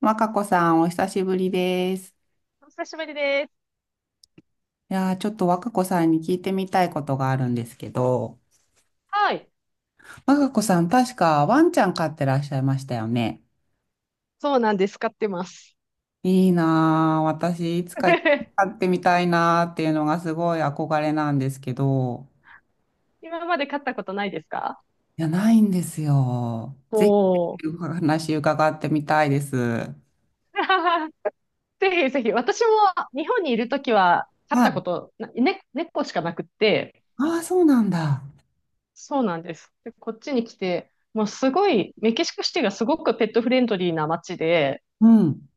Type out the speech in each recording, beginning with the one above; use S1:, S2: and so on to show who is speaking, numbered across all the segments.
S1: 若子さん、お久しぶりです。
S2: お久しぶりです。
S1: いやー、ちょっと若子さんに聞いてみたいことがあるんですけど、
S2: はい。
S1: 若子さん、確かワンちゃん飼ってらっしゃいましたよね。
S2: そうなんです。買ってます。
S1: いいなー、私、いつか飼 ってみたいなーっていうのがすごい憧れなんですけど、
S2: 今まで買ったことないですか？
S1: いや、ないんですよ。ぜ
S2: お
S1: ひ、
S2: ー。
S1: お話伺ってみたいです。は
S2: ぜひぜひ。私も日本にいるときは買ったこ
S1: い。
S2: とな、ね、猫しかなくって、
S1: ああ、そうなんだ。
S2: そうなんです。で、こっちに来て、もうすごい、メキシコシティがすごくペットフレンドリーな街で、
S1: うん。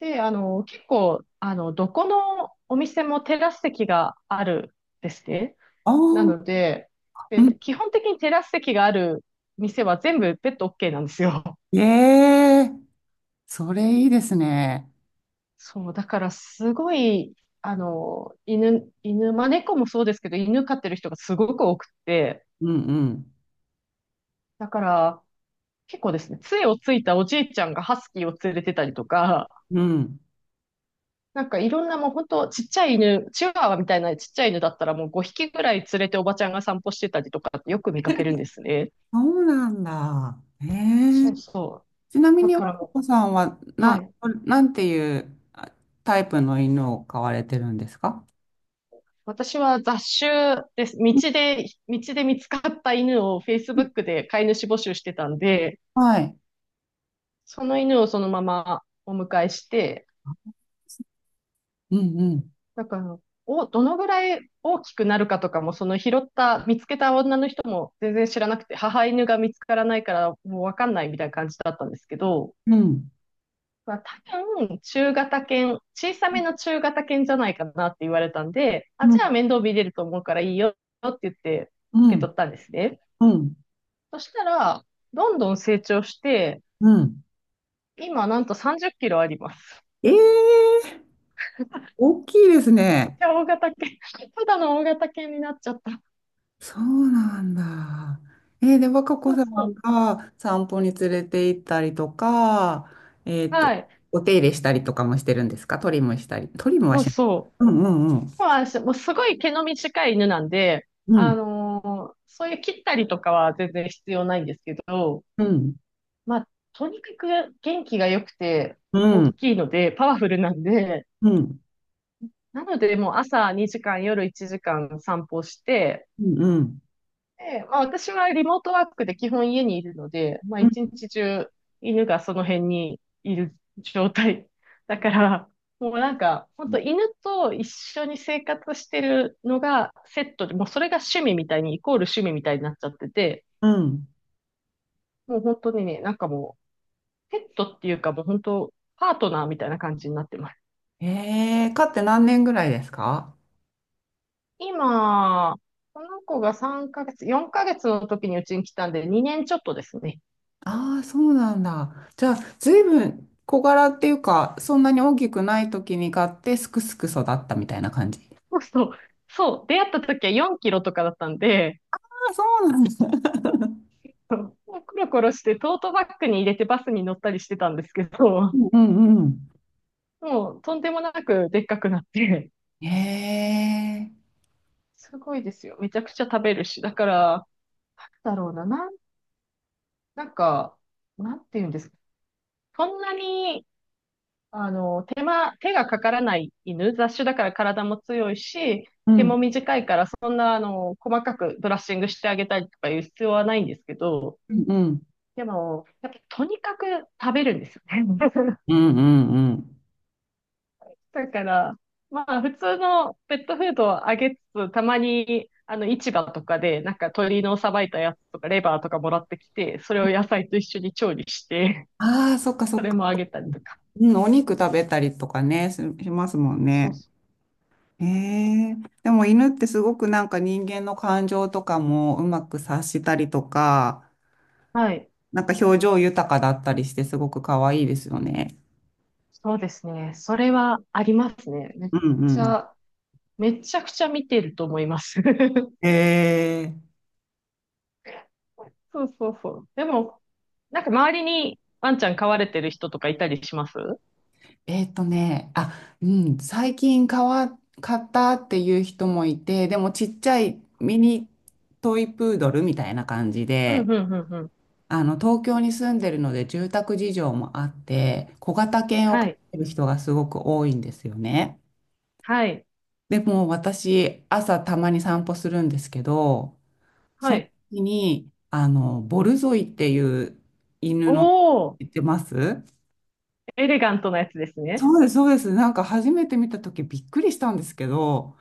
S2: で、結構、どこのお店もテラス席があるんですね。
S1: ああ、
S2: なので、
S1: うん。
S2: 基本的にテラス席がある店は全部ペット OK なんですよ。
S1: ええ、それいいですね。
S2: そう、だからすごい、犬、まあ、猫もそうですけど、犬飼ってる人がすごく多くて、
S1: うんうん。
S2: だから結構ですね、杖をついたおじいちゃんがハスキーを連れてたりとか、
S1: うん。
S2: なんかいろんなもう本当ちっちゃい犬、チワワみたいなちっちゃい犬だったらもう5匹ぐらい連れておばちゃんが散歩してたりとかよく見かけるんですね。
S1: そうなんだ。ええ。
S2: そうそう。
S1: ちなみ
S2: だ
S1: に、
S2: か
S1: 若
S2: らも
S1: 子さんは、
S2: う、はい。
S1: なんていうタイプの犬を飼われてるんですか？
S2: 私は雑種です。
S1: うん
S2: 道で見つかった犬を
S1: うん、
S2: Facebook で飼い主募集してたんで、
S1: はい。
S2: その犬をそのままお迎えして、
S1: うんうん。
S2: だから、どのぐらい大きくなるかとかも、その拾った、見つけた女の人も全然知らなくて、母犬が見つからないからもうわかんないみたいな感じだったんですけど、
S1: うん。
S2: まあ、多分、中型犬、小さめの中型犬じゃないかなって言われたんで、あ、
S1: う
S2: じゃあ
S1: ん
S2: 面倒見れると思うからいいよって言って
S1: う
S2: 受け
S1: ん。
S2: 取ったんですね。
S1: うん。
S2: そしたら、どんどん成長して、
S1: うん。
S2: 今なんと30キロあります。
S1: ええ、大きいです
S2: めっ
S1: ね。
S2: ちゃ大型犬。ただの大型犬になっちゃった。
S1: そうなんだ。で、若子
S2: そう
S1: さ
S2: そう。
S1: んが散歩に連れて行ったりとか、えっと、
S2: はい。
S1: お手入れしたりとかもしてるんですか？トリムしたり。トリムは
S2: そう
S1: しない。
S2: そ
S1: うんう
S2: う。
S1: ん
S2: もうすごい毛の短い犬なんで、
S1: う
S2: あ
S1: ん。
S2: のそういう切ったりとかは全然必要ないんですけど、
S1: うん、
S2: まあ、とにかく元気が良くて、
S1: う
S2: 大
S1: ん、
S2: きいので、パワフルなんで、
S1: うん、
S2: なのでもう朝2時間、夜1時間散歩して、
S1: うん、うん、
S2: で、まあ私はリモートワークで基本家にいるので、まあ
S1: うん。
S2: 一日中犬がその辺にいる状態。だから、もうなんか、本当犬と一緒に生活してるのがセットで、もうそれが趣味みたいに、イコール趣味みたいになっちゃってて、もう本当にね、なんかもう、ペットっていうかもう本当、パートナーみたいな感じになってます。
S1: 飼って何年ぐらいですか？
S2: 今、この子が3ヶ月、4ヶ月の時にうちに来たんで、2年ちょっとですね。
S1: ああー、そうなんだ。じゃあ、ずいぶん小柄っていうか、そんなに大きくない時に飼って、すくすく育ったみたいな感じ。
S2: そうそう。そう。出会った時は4キロとかだったんで、
S1: ああ、そうなんですね。
S2: そうコロコロしてトートバッグに入れてバスに乗ったりしてたんですけど、もうとんでもなくでっかくなって、すごいですよ。めちゃくちゃ食べるし。だから、なんだろうな、なん、なんか、なんて言うんですか？そんなに、手がかからない犬、雑種だから体も強いし、毛も短いから、そんな、あの、細かくブラッシングしてあげたりとかいう必要はないんですけど、でも、やっぱとにかく食べるんですよね。
S1: うんうんうん。へえ、うんうんうんうんうんうん。
S2: だから、まあ普通のペットフードをあげつつ、たまに市場とかでなんか鶏のさばいたやつとかレバーとかもらってきて、それを野菜と一緒に調理して、
S1: ああ、そっかそ
S2: そ
S1: っ
S2: れ
S1: か。
S2: もあげたりとか。
S1: うん、お肉食べたりとかね、しますもん
S2: そう
S1: ね。
S2: そ
S1: ええ、でも犬ってすごくなんか人間の感情とかもうまく察したりとか、
S2: う。はい。
S1: なんか表情豊かだったりしてすごく可愛いですよね。
S2: そうですね。それはありますね。
S1: うんう
S2: ち
S1: ん。
S2: ゃ、めちゃくちゃ見てると思います。
S1: え
S2: そうそうそう。でも、なんか周りにワンちゃん飼われてる人とかいたりします？
S1: え、あ、うん、最近買ったっていう人もいて、でもちっちゃいミニトイプードルみたいな感じ
S2: う
S1: で、
S2: んうんうん。
S1: 東京に住んでるので住宅事情もあって、小型犬を飼
S2: は
S1: っ
S2: い。
S1: てる人がすごく多いんですよね。
S2: はい。
S1: でも私、朝たまに散歩するんですけど、そ
S2: は
S1: の
S2: い。
S1: 時に、ボルゾイっていう犬の、
S2: おー、
S1: 言ってます？
S2: エレガントなやつですね。
S1: そうです、そうです。なんか初めて見た時びっくりしたんですけど、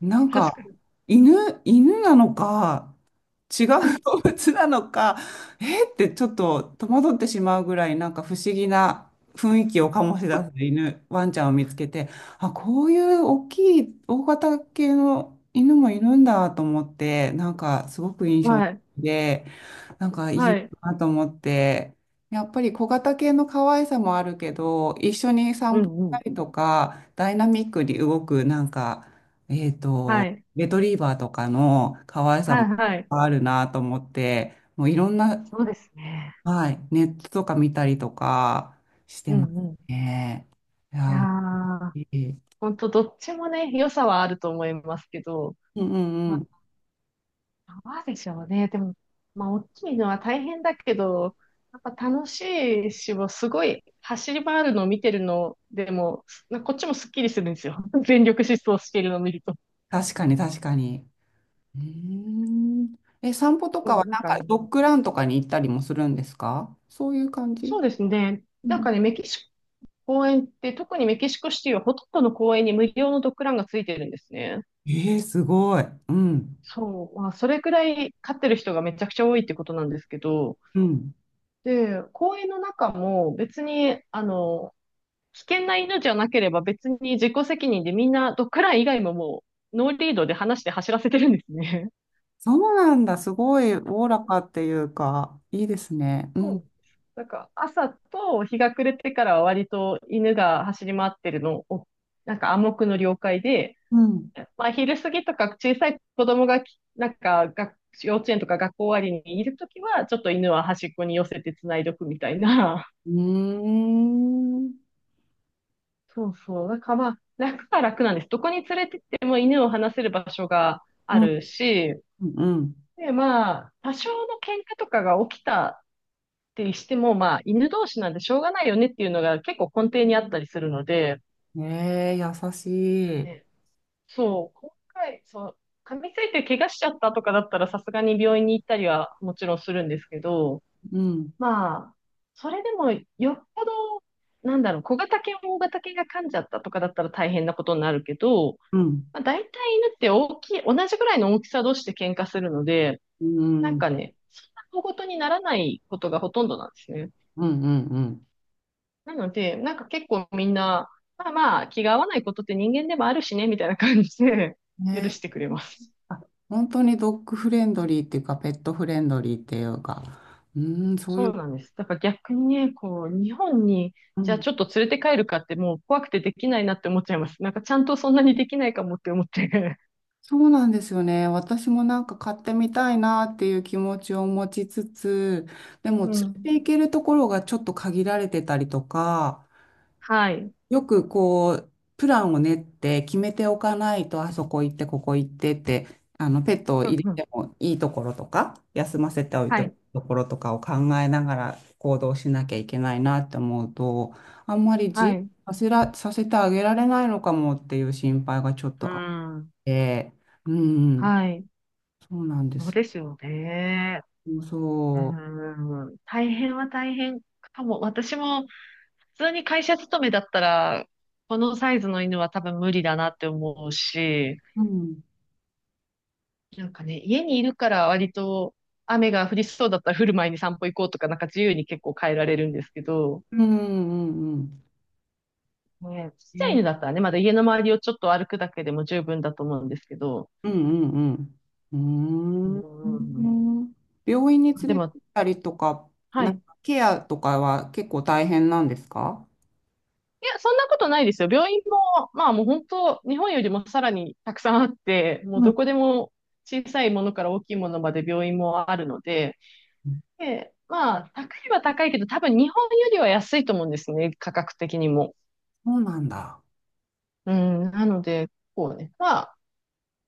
S1: なん
S2: 確か
S1: か、
S2: に。
S1: 犬、犬なのか、違う動物なのか、えーってちょっと戸惑ってしまうぐらい、なんか不思議な雰囲気を醸し出す犬、ワンちゃんを見つけて、あ、こういう大きい、大型系の犬もいるんだと思って、なんかすごく印象
S2: は
S1: 的
S2: い。
S1: で、なんかい
S2: は
S1: い
S2: い。
S1: なと思って、やっぱり小型系の可愛さもあるけど、一緒に
S2: う
S1: 散歩し
S2: んう
S1: た
S2: ん。
S1: りとか、ダイナミックに動く、なんか、えっ
S2: は
S1: と、
S2: い。
S1: レトリーバーとかの可愛さ
S2: は
S1: も
S2: い。はい。
S1: あるなと思って、もういろんな、
S2: そうですね。
S1: はい、ネットとか見たりとかして
S2: う
S1: ます
S2: んうん。い
S1: ね。い
S2: や
S1: や、
S2: ー、
S1: 嬉しい。
S2: ほんとどっちもね、良さはあると思いますけど、
S1: うんうんう
S2: ま
S1: ん。
S2: あ、どうでしょうね。でも、まあ、大きいのは大変だけど、やっぱ楽しいし、もうすごい走り回るのを見てるのでも、こっちもすっきりするんですよ。全力疾走しているのを見ると。
S1: 確かに確かに。うーん。え、散歩と
S2: そ
S1: か
S2: う
S1: は
S2: なん
S1: なん
S2: かね
S1: かドッグランとかに行ったりもするんですか？そういう感
S2: そう
S1: じ？
S2: ですね。
S1: う
S2: なん
S1: ん。
S2: かね、メキシコ公園って、特にメキシコシティはほとんどの公園に無料のドッグランがついてるんですね。
S1: えー、すごい。うん。
S2: そう。まあ、それくらい飼ってる人がめちゃくちゃ多いってことなんですけど、
S1: うん。
S2: で、公園の中も別に、危険な犬じゃなければ別に自己責任でみんなドッグラン以外もうノーリードで話して走らせてるんですね。
S1: そうなんだ。すごいおおらかっていうか、いいですね。う
S2: そう
S1: ん。
S2: です。なんか朝と日が暮れてからは割と犬が走り回ってるのを、なんか暗黙の了解で、
S1: うん。
S2: まあ、昼過ぎとか小さい子供がき、なんか、学幼稚園とか学校終わりにいるときは、ちょっと犬は端っこに寄せて繋いどくみたいな。
S1: うーん。
S2: そうそう。なんかまあ、楽は楽なんです。どこに連れてっても犬を離せる場所が
S1: う
S2: あ
S1: ん。
S2: るし、
S1: うん。
S2: で、まあ、多少の喧嘩とかが起きたってしても、まあ、犬同士なんでしょうがないよねっていうのが結構根底にあったりするので、
S1: ええ、優しい。
S2: ね、そう、今回、そう、噛みついて怪我しちゃったとかだったらさすがに病院に行ったりはもちろんするんですけど、
S1: うん、
S2: まあ、それでもよっぽど、なんだろう、小型犬、大型犬が噛んじゃったとかだったら大変なことになるけど、
S1: うん、
S2: まあ、大体犬って大きい、同じぐらいの大きさ同士で喧嘩するので、
S1: うん、
S2: な
S1: う
S2: ん
S1: ん、
S2: かね、そんな小事にならないことがほとんどなんですね。
S1: うん。うん、
S2: なので、なんか結構みんな、まあまあ、気が合わないことって人間でもあるしね、みたいな感じで許
S1: ね
S2: してく
S1: え、
S2: れます。
S1: あ、本当にドッグフレンドリーっていうか、ペットフレンドリーっていうか、うーん、そうい
S2: そう
S1: う、
S2: なんです。だから逆にね、こう、日本に、
S1: う
S2: じゃあ
S1: ん、
S2: ちょっと連れて帰るかってもう怖くてできないなって思っちゃいます。なんかちゃんとそんなにできないかもって思って。
S1: そうなんですよね。私もなんか買ってみたいなっていう気持ちを持ちつつ、で も連
S2: う
S1: れて
S2: ん。
S1: 行けるところがちょっと限られてたりとか、
S2: はい。
S1: よくこう、プランを練って決めておかないと、あそこ行って、ここ行ってって、ペットを
S2: う
S1: 入
S2: ん
S1: れ
S2: うん。
S1: てもいいところとか、休ませておいて
S2: は
S1: もい
S2: い。
S1: いところとかを考えながら行動しなきゃいけないなって思うと、あんまり自由
S2: は
S1: に
S2: い。
S1: させてあげられないのかもっていう心配がちょっ
S2: う
S1: とあっ
S2: ん。
S1: て、うん、
S2: はい。
S1: そうなんで
S2: そう
S1: す。
S2: ですよね。う
S1: そ
S2: ん。大変は大変かも。私も普通に会社勤めだったら、このサイズの犬は多分無理だなって思うし、
S1: う。うん。
S2: なんかね、家にいるから割と雨が降りそうだったら降る前に散歩行こうとか、なんか自由に結構変えられるんですけど、
S1: うんうんうん。
S2: ね、ちっちゃい
S1: ね、
S2: 犬だったらね、まだ家の周りをちょっと歩くだけでも十分だと思うんですけど、
S1: うんうんう
S2: う
S1: ん。う
S2: ん、
S1: ーん。病院に連
S2: で
S1: れ
S2: も、
S1: てったりとか、
S2: は
S1: な
S2: い。
S1: ん
S2: い
S1: かケアとかは結構大変なんですか？
S2: や、そんなことないですよ。病院も、まあもう本当、日本よりもさらにたくさんあって、もう
S1: う
S2: ど
S1: ん、
S2: こでも小さいものから大きいものまで病院もあるので、で、まあ、高いは高いけど、多分日本よりは安いと思うんですね、価格的にも。
S1: そうなんだ。
S2: うん、なので、こうね、まあ、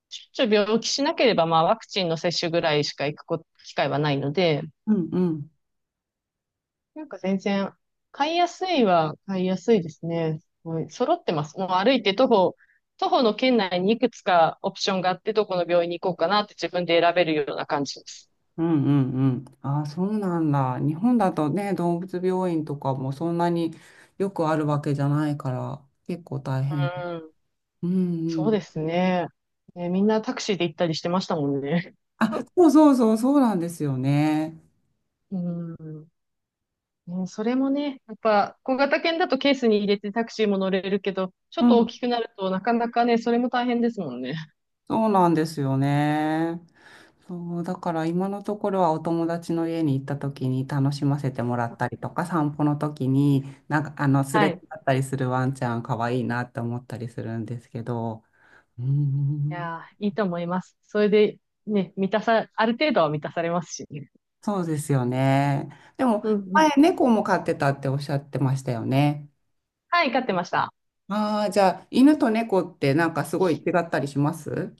S2: ちょっと病気しなければ、まあ、ワクチンの接種ぐらいしか行くこ機会はないので、
S1: うんうん。
S2: なんか全然、買いやすいは買いやすいですね。すごい揃ってます。もう歩いて徒歩、徒歩の圏内にいくつかオプションがあって、どこの病院に行こうかなって自分で選べるような感じです。
S1: うんうんうん。ああ、そうなんだ。日本だとね、動物病院とかもそんなによくあるわけじゃないから、結構大変。
S2: うん、
S1: うんう
S2: そう
S1: ん。
S2: ですね。ね、みんなタクシーで行ったりしてましたもんね。
S1: あ、そうそうそう、そうなんですよね。
S2: うん。もうそれもね、やっぱ小型犬だとケースに入れてタクシーも乗れるけど、ちょっと大きくなるとなかなかね、それも大変ですもんね。
S1: そうなんですよね。そう、だから今のところはお友達の家に行った時に楽しませてもらったりとか、散歩の時になんかあのすれ
S2: は
S1: 違
S2: い。
S1: ったりするワンちゃん可愛いなって思ったりするんですけど、う
S2: い
S1: ん、
S2: やー、いいと思います。それでね、満たさ、ある程度は満たされますしね。
S1: そうですよね。でも
S2: うんうん。
S1: 前猫も飼ってたっておっしゃってましたよね。
S2: はい、飼ってました。
S1: ああ、じゃあ犬と猫ってなんかすごい違ったりします？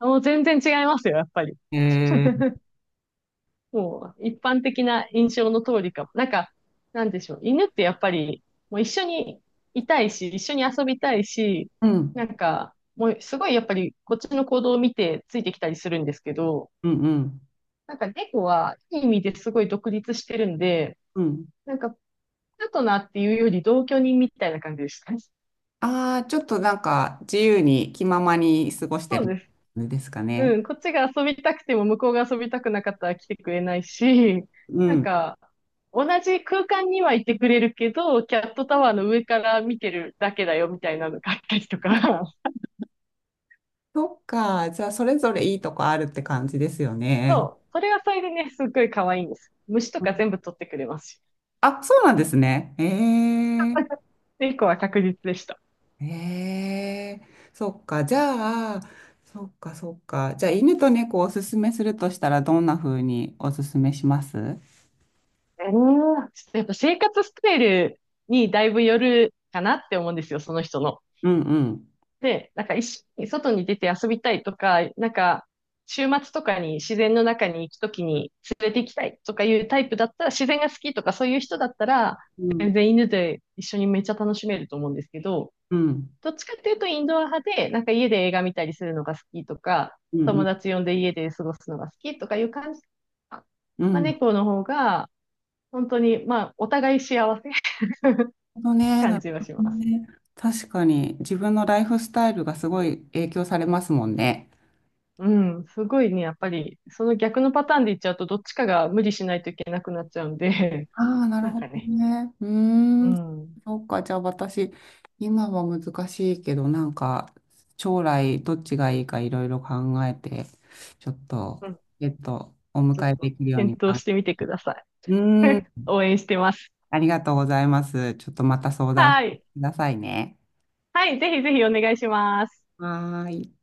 S2: もう全然違いますよ、やっぱり。
S1: えー、
S2: もう一般的な印象の通りかも。なんか、なんでしょう。犬ってやっぱり、もう一緒にいたいし、一緒に遊びたいし、
S1: うん、
S2: なんか、もうすごいやっぱりこっちの行動を見てついてきたりするんですけど、
S1: うん、うん、
S2: なんか猫はいい意味ですごい独立してるんで、
S1: うん。
S2: なんかパートナーっていうより同居人みたいな感じでした。
S1: ああ、ちょっとなんか自由に気ままに過ごして
S2: そう
S1: る
S2: です。
S1: んですかね。
S2: うん、こっちが遊びたくても向こうが遊びたくなかったら来てくれないし、
S1: う
S2: なん
S1: ん。
S2: か、同じ空間にはいてくれるけど、キャットタワーの上から見てるだけだよみたいなのがあったりとか。
S1: そっか。じゃあ、それぞれいいとこあるって感じですよね。
S2: そう、それはそれでね、すっごい可愛いんです。虫と
S1: う
S2: か
S1: ん、
S2: 全部取ってくれますし。
S1: あ、そうなんですね。ええ、
S2: 猫は確実でした。
S1: ええ、そっか。じゃあ、そっか、そっか。じゃあ、犬と猫をおすすめするとしたら、どんな風におすすめします？
S2: えー、ちょっとやっぱ生活スタイルにだいぶよるかなって思うんですよ、その人の。
S1: うんうん。
S2: で、なんか一緒に外に出て遊びたいとか、なんか週末とかに自然の中に行くときに連れて行きたいとかいうタイプだったら、自然が好きとかそういう人だったら、
S1: うん、
S2: 全然犬で一緒にめっちゃ楽しめると思うんですけど、
S1: うん、
S2: どっちかっていうとインドア派で、なんか家で映画見たりするのが好きとか、
S1: うん、う
S2: 友
S1: ん、
S2: 達呼んで家で過ごすのが好きとかいう感じ。
S1: う
S2: まあ、
S1: ん。
S2: 猫の方が、本当に、まあ、お互い幸せ
S1: ほどね、な
S2: 感
S1: る
S2: じは
S1: ほ
S2: しま
S1: ど
S2: す。
S1: ね。確かに自分のライフスタイルがすごい影響されますもんね。
S2: うん、すごいね、やっぱり、その逆のパターンでいっちゃうと、どっちかが無理しないといけなくなっちゃうんで、
S1: ああ、な る
S2: なん
S1: ほ
S2: か
S1: ど
S2: ね、
S1: ね。う
S2: う
S1: ーん、
S2: ん、うん、
S1: そうか。じゃあ私、今は難しいけど、なんか将来どっちがいいかいろいろ考えて、ちょっと、お
S2: ちょっ
S1: 迎え
S2: と
S1: できるように
S2: 検討
S1: か。
S2: してみてください。
S1: うーん、
S2: 応援してます。
S1: ありがとうございます。ちょっとまた相談く
S2: はい。
S1: ださいね。
S2: はい、ぜひぜひお願いします。
S1: はーい。